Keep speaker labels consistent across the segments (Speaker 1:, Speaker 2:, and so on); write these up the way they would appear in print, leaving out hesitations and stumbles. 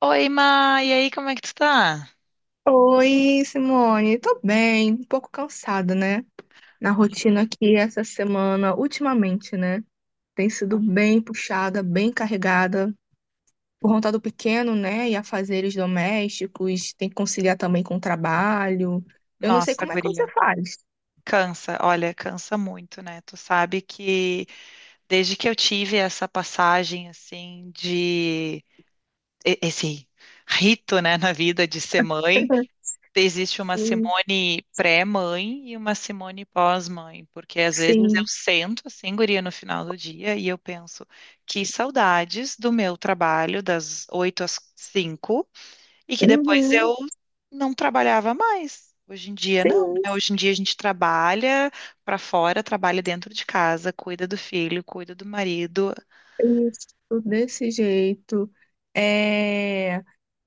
Speaker 1: Oi, Ma, e aí, como é que tu tá?
Speaker 2: Oi, Simone. Tô bem, um pouco cansada, né? Na
Speaker 1: Ai,
Speaker 2: rotina aqui essa semana, ultimamente, né? Tem sido
Speaker 1: ai,
Speaker 2: bem puxada, bem carregada. Por conta do pequeno, né? E afazeres domésticos, tem que conciliar também com o trabalho. Eu não sei
Speaker 1: nossa,
Speaker 2: como é que você
Speaker 1: guria,
Speaker 2: faz.
Speaker 1: cansa, olha, cansa muito, né? Tu sabe que desde que eu tive essa passagem, assim, esse rito, né, na vida de ser mãe, existe uma
Speaker 2: Sim,
Speaker 1: Simone pré-mãe e uma Simone pós-mãe, porque às vezes eu
Speaker 2: sim.
Speaker 1: sento, assim, guria, no final do dia e eu penso, que saudades do meu trabalho das 8 às 5. E que depois eu
Speaker 2: Uhum,
Speaker 1: não trabalhava mais. Hoje em dia, não,
Speaker 2: sim,
Speaker 1: né? Hoje em dia a gente trabalha para fora, trabalha dentro de casa, cuida do filho, cuida do marido.
Speaker 2: isso, desse jeito. É...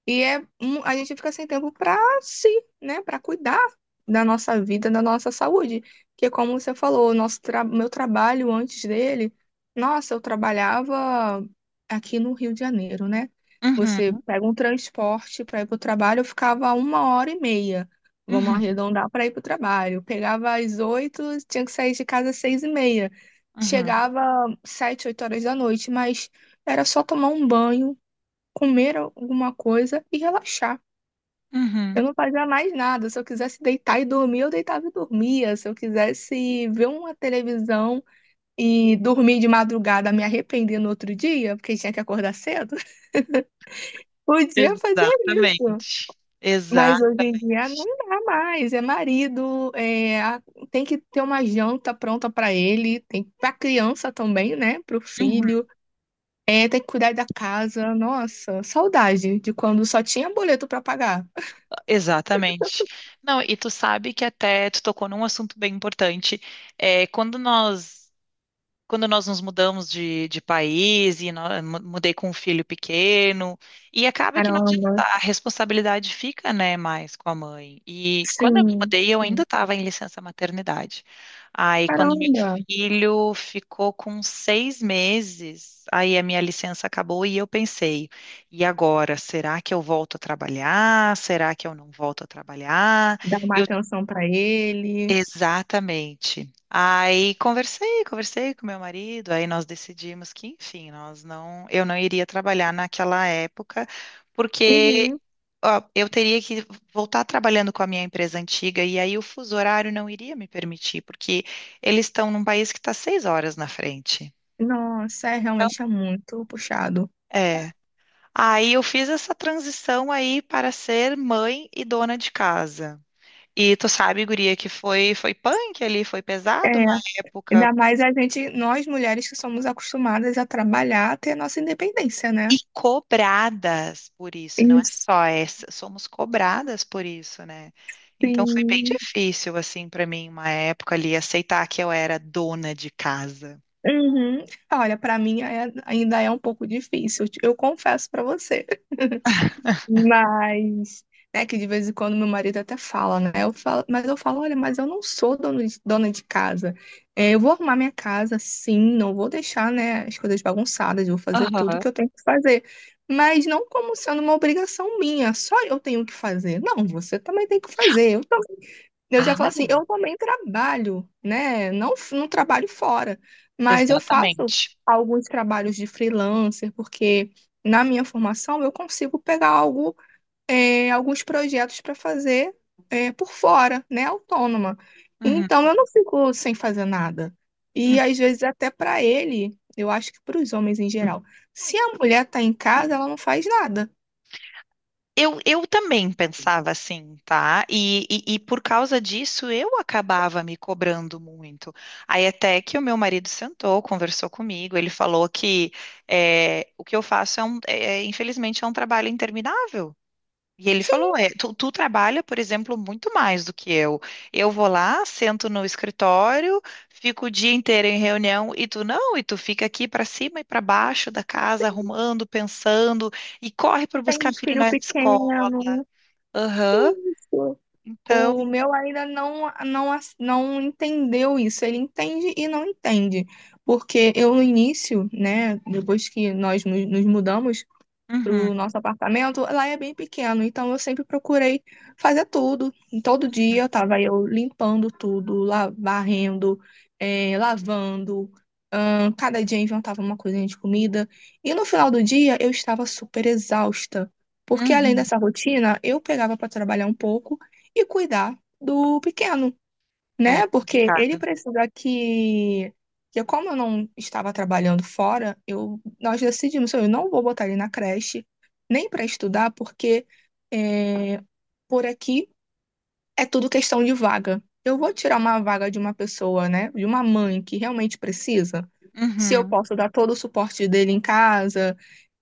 Speaker 2: E é, a gente fica sem tempo para si, né? Para cuidar da nossa vida, da nossa saúde. Que é como você falou, o nosso tra meu trabalho antes dele, nossa, eu trabalhava aqui no Rio de Janeiro, né? Você
Speaker 1: Uhum,
Speaker 2: pega um transporte para ir para o trabalho, eu ficava uma hora e meia. Vamos
Speaker 1: uhum,
Speaker 2: arredondar para ir para o trabalho. Eu pegava às 8h, tinha que sair de casa às 6h30.
Speaker 1: uhum,
Speaker 2: Chegava 7, 8 horas da noite, mas era só tomar um banho, comer alguma coisa e relaxar.
Speaker 1: uhum.
Speaker 2: Eu não fazia mais nada. Se eu quisesse deitar e dormir, eu deitava e dormia. Se eu quisesse ver uma televisão e dormir de madrugada, me arrepender no outro dia, porque tinha que acordar cedo, podia fazer isso.
Speaker 1: Exatamente. Exa
Speaker 2: Mas hoje em dia não dá mais. É marido, é, tem que ter uma janta pronta para ele, tem para criança também, né? Para o
Speaker 1: Uhum,
Speaker 2: filho. É, tem que cuidar da casa. Nossa, saudade de quando só tinha boleto para pagar.
Speaker 1: exatamente. Não, e tu sabe que até tu tocou num assunto bem importante. É, quando nós nos mudamos de país e mudei com um filho pequeno, e acaba que não adianta,
Speaker 2: Caramba,
Speaker 1: a responsabilidade fica, né, mais com a mãe. E quando eu me
Speaker 2: sim,
Speaker 1: mudei, eu ainda
Speaker 2: sim.
Speaker 1: estava em licença maternidade. Aí, quando meu
Speaker 2: Caramba,
Speaker 1: filho ficou com seis meses, aí a minha licença acabou e eu pensei, e agora, será que eu volto a trabalhar? Será que eu não volto a trabalhar?
Speaker 2: dar uma
Speaker 1: Eu
Speaker 2: atenção pra ele.
Speaker 1: Exatamente. Aí conversei com meu marido, aí nós decidimos que, enfim, nós não, eu não iria trabalhar naquela época, porque
Speaker 2: Uhum.
Speaker 1: ó, eu teria que voltar trabalhando com a minha empresa antiga e aí o fuso horário não iria me permitir, porque eles estão num país que está seis horas na frente.
Speaker 2: Nossa, é,
Speaker 1: Então,
Speaker 2: realmente é muito puxado.
Speaker 1: é. Aí eu fiz essa transição aí para ser mãe e dona de casa. E tu sabe, guria, que foi punk ali, foi
Speaker 2: É,
Speaker 1: pesado uma época.
Speaker 2: ainda mais a gente, nós mulheres que somos acostumadas a trabalhar, a ter nossa independência,
Speaker 1: E
Speaker 2: né?
Speaker 1: cobradas por isso, não é
Speaker 2: Isso.
Speaker 1: só essa, somos cobradas por isso, né? Então foi bem
Speaker 2: Sim.
Speaker 1: difícil, assim, para mim, uma época ali, aceitar que eu era dona de casa.
Speaker 2: Uhum. Olha, pra mim ainda é um pouco difícil, eu confesso pra você. Mas, né, que de vez em quando meu marido até fala, né? Eu falo, mas eu falo, olha, mas eu não sou dona de casa. É, eu vou arrumar minha casa, sim, não vou deixar, né, as coisas bagunçadas, vou fazer tudo
Speaker 1: Aham.
Speaker 2: que eu tenho que fazer. Mas não como sendo uma obrigação minha, só eu tenho que fazer. Não, você também tem que fazer. Eu já
Speaker 1: Ah,
Speaker 2: falo assim, eu também trabalho, né? Não, não trabalho fora,
Speaker 1: é,
Speaker 2: mas eu faço
Speaker 1: exatamente.
Speaker 2: alguns trabalhos de freelancer, porque na minha formação eu consigo pegar algo, alguns projetos para fazer, por fora, né, autônoma.
Speaker 1: Uhum,
Speaker 2: Então eu não fico sem fazer nada.
Speaker 1: uhum.
Speaker 2: E às vezes até para ele, eu acho que para os homens em geral, se a mulher está em casa, ela não faz nada.
Speaker 1: Eu também pensava assim, tá? E por causa disso eu acabava me cobrando muito. Aí até que o meu marido sentou, conversou comigo, ele falou que o que eu faço é, infelizmente, é um trabalho interminável. E ele
Speaker 2: Sim,
Speaker 1: falou, é, tu trabalha, por exemplo, muito mais do que eu. Eu vou lá, sento no escritório, fico o dia inteiro em reunião e tu não, e tu fica aqui para cima e para baixo da casa, arrumando, pensando e corre para
Speaker 2: tem
Speaker 1: buscar
Speaker 2: um
Speaker 1: filho
Speaker 2: filho
Speaker 1: na escola.
Speaker 2: pequeno,
Speaker 1: Aham.
Speaker 2: isso.
Speaker 1: Então,
Speaker 2: O meu ainda não, não, não entendeu isso. Ele entende e não entende. Porque eu, no início, né, depois que nós nos mudamos
Speaker 1: uhum,
Speaker 2: pro nosso apartamento, lá é bem pequeno, então eu sempre procurei fazer tudo. Todo dia eu estava eu limpando tudo, varrendo, lavando. Cada dia eu inventava uma coisinha de comida. E no final do dia eu estava super exausta, porque além
Speaker 1: uhum,
Speaker 2: dessa rotina, eu pegava para trabalhar um pouco e cuidar do pequeno.
Speaker 1: é
Speaker 2: Né? Porque ele
Speaker 1: complicado.
Speaker 2: precisa que, como eu não estava trabalhando fora, eu, nós decidimos, eu não vou botar ele na creche, nem para estudar, porque é, por aqui é tudo questão de vaga. Eu vou tirar uma vaga de uma pessoa, né? De uma mãe que realmente precisa, se eu
Speaker 1: Uhum,
Speaker 2: posso dar todo o suporte dele em casa.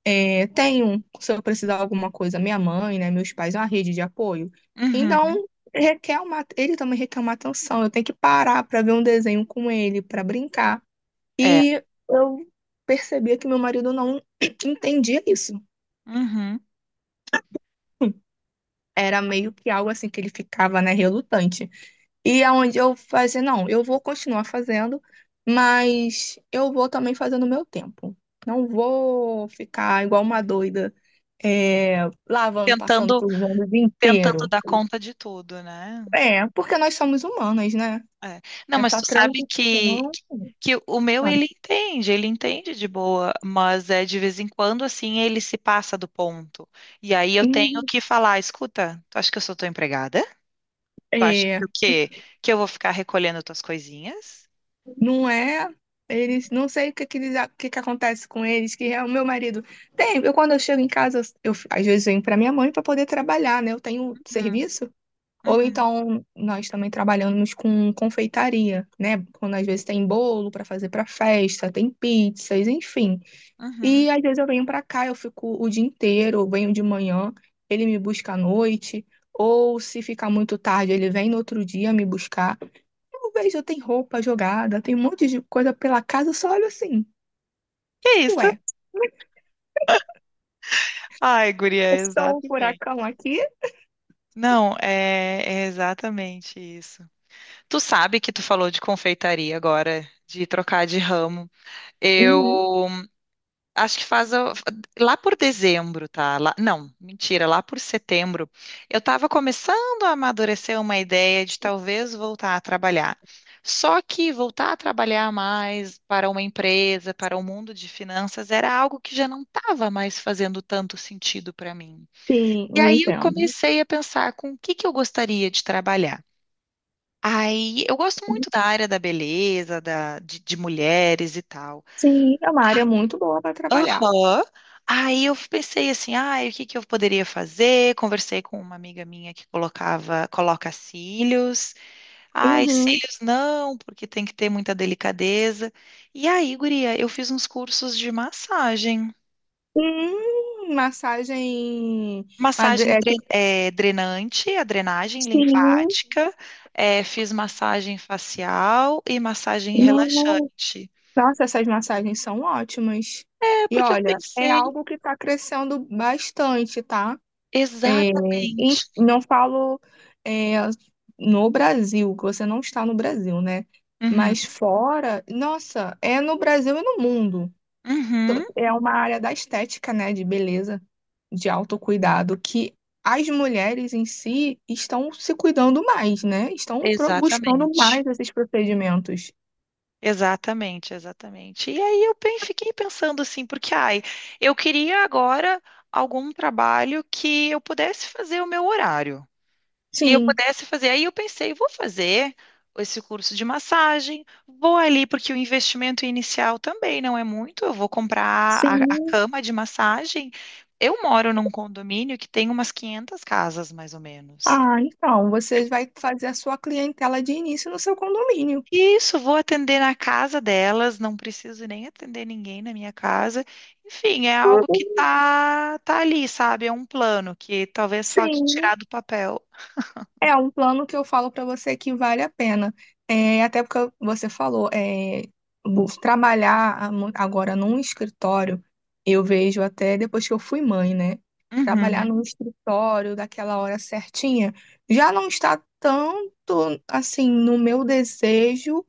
Speaker 2: É, tenho, se eu precisar de alguma coisa, minha mãe, né, meus pais, é uma rede de apoio.
Speaker 1: uhum,
Speaker 2: Então, requer uma, ele também requer uma atenção. Eu tenho que parar para ver um desenho com ele, para brincar.
Speaker 1: é,
Speaker 2: E eu percebia que meu marido não entendia isso.
Speaker 1: uhum.
Speaker 2: Era meio que algo assim que ele ficava, né, relutante. E aonde eu fazia, não, eu vou continuar fazendo, mas eu vou também fazendo o meu tempo. Não vou ficar igual uma doida, é, lavando, passando,
Speaker 1: Tentando,
Speaker 2: cruzando o dia
Speaker 1: tentando
Speaker 2: inteiro.
Speaker 1: dar conta de tudo, né?
Speaker 2: É, porque nós somos humanas, né?
Speaker 1: É. Não, mas
Speaker 2: Essa
Speaker 1: tu sabe que,
Speaker 2: transição,
Speaker 1: que o meu
Speaker 2: sabe?
Speaker 1: ele entende de boa, mas é de vez em quando assim ele se passa do ponto. E aí eu tenho
Speaker 2: Hum,
Speaker 1: que falar, escuta, tu acha que eu sou tua empregada? Tu acha
Speaker 2: é,
Speaker 1: que o quê? Que eu vou ficar recolhendo tuas coisinhas?
Speaker 2: não é. Eles, não sei o eles, o que acontece com eles, que é o meu marido. Eu, quando eu chego em casa, às vezes eu venho para minha mãe para poder trabalhar, né? Eu tenho
Speaker 1: Uhum,
Speaker 2: serviço. Ou
Speaker 1: uhum,
Speaker 2: então nós também trabalhamos com confeitaria, né? Quando às vezes tem bolo para fazer para festa, tem pizzas, enfim.
Speaker 1: uhum.
Speaker 2: E às vezes eu venho pra cá, eu fico o dia inteiro, eu venho de manhã, ele me busca à noite, ou se ficar muito tarde, ele vem no outro dia me buscar. Eu vejo, tem roupa jogada, tem um monte de coisa pela casa, eu só olho assim,
Speaker 1: Que isso?
Speaker 2: ué,
Speaker 1: Ai, guria, é
Speaker 2: é só um
Speaker 1: exatamente.
Speaker 2: furacão aqui?
Speaker 1: Não, é, é exatamente isso. Tu sabe que tu falou de confeitaria agora, de trocar de ramo.
Speaker 2: Uhum,
Speaker 1: Eu Acho que lá por dezembro, tá? Não, mentira, lá por setembro, eu estava começando a amadurecer uma ideia de talvez voltar a trabalhar. Só que voltar a trabalhar mais para uma empresa, para o mundo de finanças, era algo que já não estava mais fazendo tanto sentido para mim.
Speaker 2: sim,
Speaker 1: E
Speaker 2: eu
Speaker 1: aí eu
Speaker 2: entendo.
Speaker 1: comecei a pensar com o que que eu gostaria de trabalhar. Aí eu gosto muito da área da beleza, da, de mulheres e tal.
Speaker 2: Sim, é uma área muito boa para trabalhar.
Speaker 1: Aham. Aí eu pensei assim, ah, o que que eu poderia fazer? Conversei com uma amiga minha que coloca cílios. Ai,
Speaker 2: Uhum.
Speaker 1: cílios não, porque tem que ter muita delicadeza. E aí, guria, eu fiz uns cursos de massagem.
Speaker 2: Massagem.
Speaker 1: Massagem
Speaker 2: É, tipo,
Speaker 1: drenante, a drenagem linfática, eh, fiz massagem facial e massagem
Speaker 2: sim.
Speaker 1: relaxante.
Speaker 2: Nossa, essas massagens são ótimas.
Speaker 1: É
Speaker 2: E
Speaker 1: porque eu
Speaker 2: olha, é
Speaker 1: pensei
Speaker 2: algo que está crescendo bastante, tá? É, e
Speaker 1: exatamente.
Speaker 2: não falo é, no Brasil, que você não está no Brasil, né?
Speaker 1: Uhum,
Speaker 2: Mas fora, nossa, é no Brasil e no mundo.
Speaker 1: uhum,
Speaker 2: É uma área da estética, né? De beleza, de autocuidado, que as mulheres em si estão se cuidando mais, né? Estão buscando
Speaker 1: exatamente.
Speaker 2: mais esses procedimentos.
Speaker 1: Exatamente, exatamente. E aí eu fiquei pensando assim, porque ai, eu queria agora algum trabalho que eu pudesse fazer o meu horário. E eu
Speaker 2: Sim,
Speaker 1: pudesse fazer. Aí eu pensei, vou fazer esse curso de massagem, vou ali, porque o investimento inicial também não é muito. Eu vou comprar a
Speaker 2: sim.
Speaker 1: cama de massagem. Eu moro num condomínio que tem umas 500 casas, mais ou menos.
Speaker 2: Ah, então, você vai fazer a sua clientela de início no seu condomínio.
Speaker 1: Isso, vou atender na casa delas, não preciso nem atender ninguém na minha casa. Enfim, é algo que
Speaker 2: Uhum.
Speaker 1: tá ali, sabe? É um plano que talvez falte
Speaker 2: Sim,
Speaker 1: tirar do papel.
Speaker 2: é um plano que eu falo para você que vale a pena. É, até porque você falou, é, trabalhar agora num escritório, eu vejo até depois que eu fui mãe, né? Trabalhar
Speaker 1: Uhum,
Speaker 2: num escritório daquela hora certinha já não está tanto assim no meu desejo,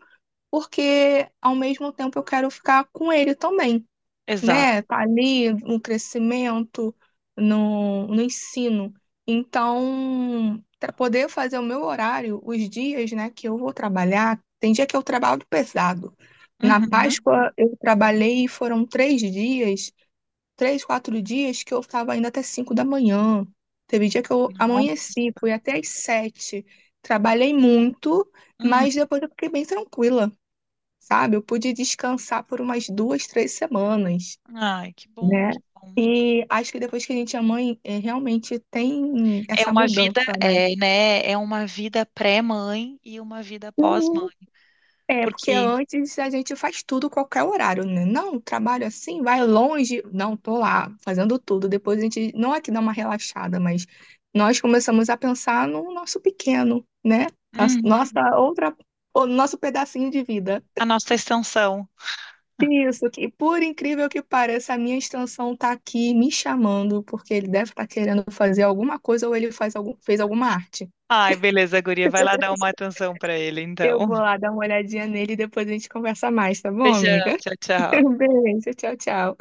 Speaker 2: porque ao mesmo tempo eu quero ficar com ele também.
Speaker 1: exato.
Speaker 2: Né? Tá ali no crescimento, no ensino. Então, para poder fazer o meu horário, os dias, né, que eu vou trabalhar, tem dia que eu trabalho pesado. Na
Speaker 1: Uhum,
Speaker 2: Páscoa eu trabalhei, foram 3 dias, 3, 4 dias, que eu estava ainda até 5 da manhã. Teve dia que eu
Speaker 1: não,
Speaker 2: amanheci, fui até às 7h. Trabalhei muito,
Speaker 1: uhum.
Speaker 2: mas depois eu fiquei bem tranquila, sabe? Eu pude descansar por umas 2, 3 semanas,
Speaker 1: Ai, que bom,
Speaker 2: né?
Speaker 1: que bom.
Speaker 2: E acho que depois que a gente é mãe, é, realmente tem
Speaker 1: É
Speaker 2: essa
Speaker 1: uma
Speaker 2: mudança,
Speaker 1: vida,
Speaker 2: né?
Speaker 1: é, né? É uma vida pré-mãe e uma vida
Speaker 2: Uhum.
Speaker 1: pós-mãe,
Speaker 2: É, porque
Speaker 1: porque
Speaker 2: antes a gente faz tudo qualquer horário, né? Não, trabalho assim, vai longe. Não, tô lá fazendo tudo. Depois a gente, não é que dá uma relaxada, mas nós começamos a pensar no nosso pequeno, né? Nossa
Speaker 1: uhum,
Speaker 2: nossa outra, o nosso pedacinho de vida.
Speaker 1: a nossa extensão.
Speaker 2: Isso, que por incrível que pareça, a minha extensão tá aqui me chamando, porque ele deve estar querendo fazer alguma coisa, ou ele faz algum, fez alguma arte.
Speaker 1: Ai, beleza, guria, vai lá dar uma atenção pra ele,
Speaker 2: Eu
Speaker 1: então.
Speaker 2: vou lá dar uma olhadinha nele e depois a gente conversa mais, tá bom,
Speaker 1: Beijão,
Speaker 2: amiga?
Speaker 1: tchau, tchau.
Speaker 2: Beijo, tchau, tchau.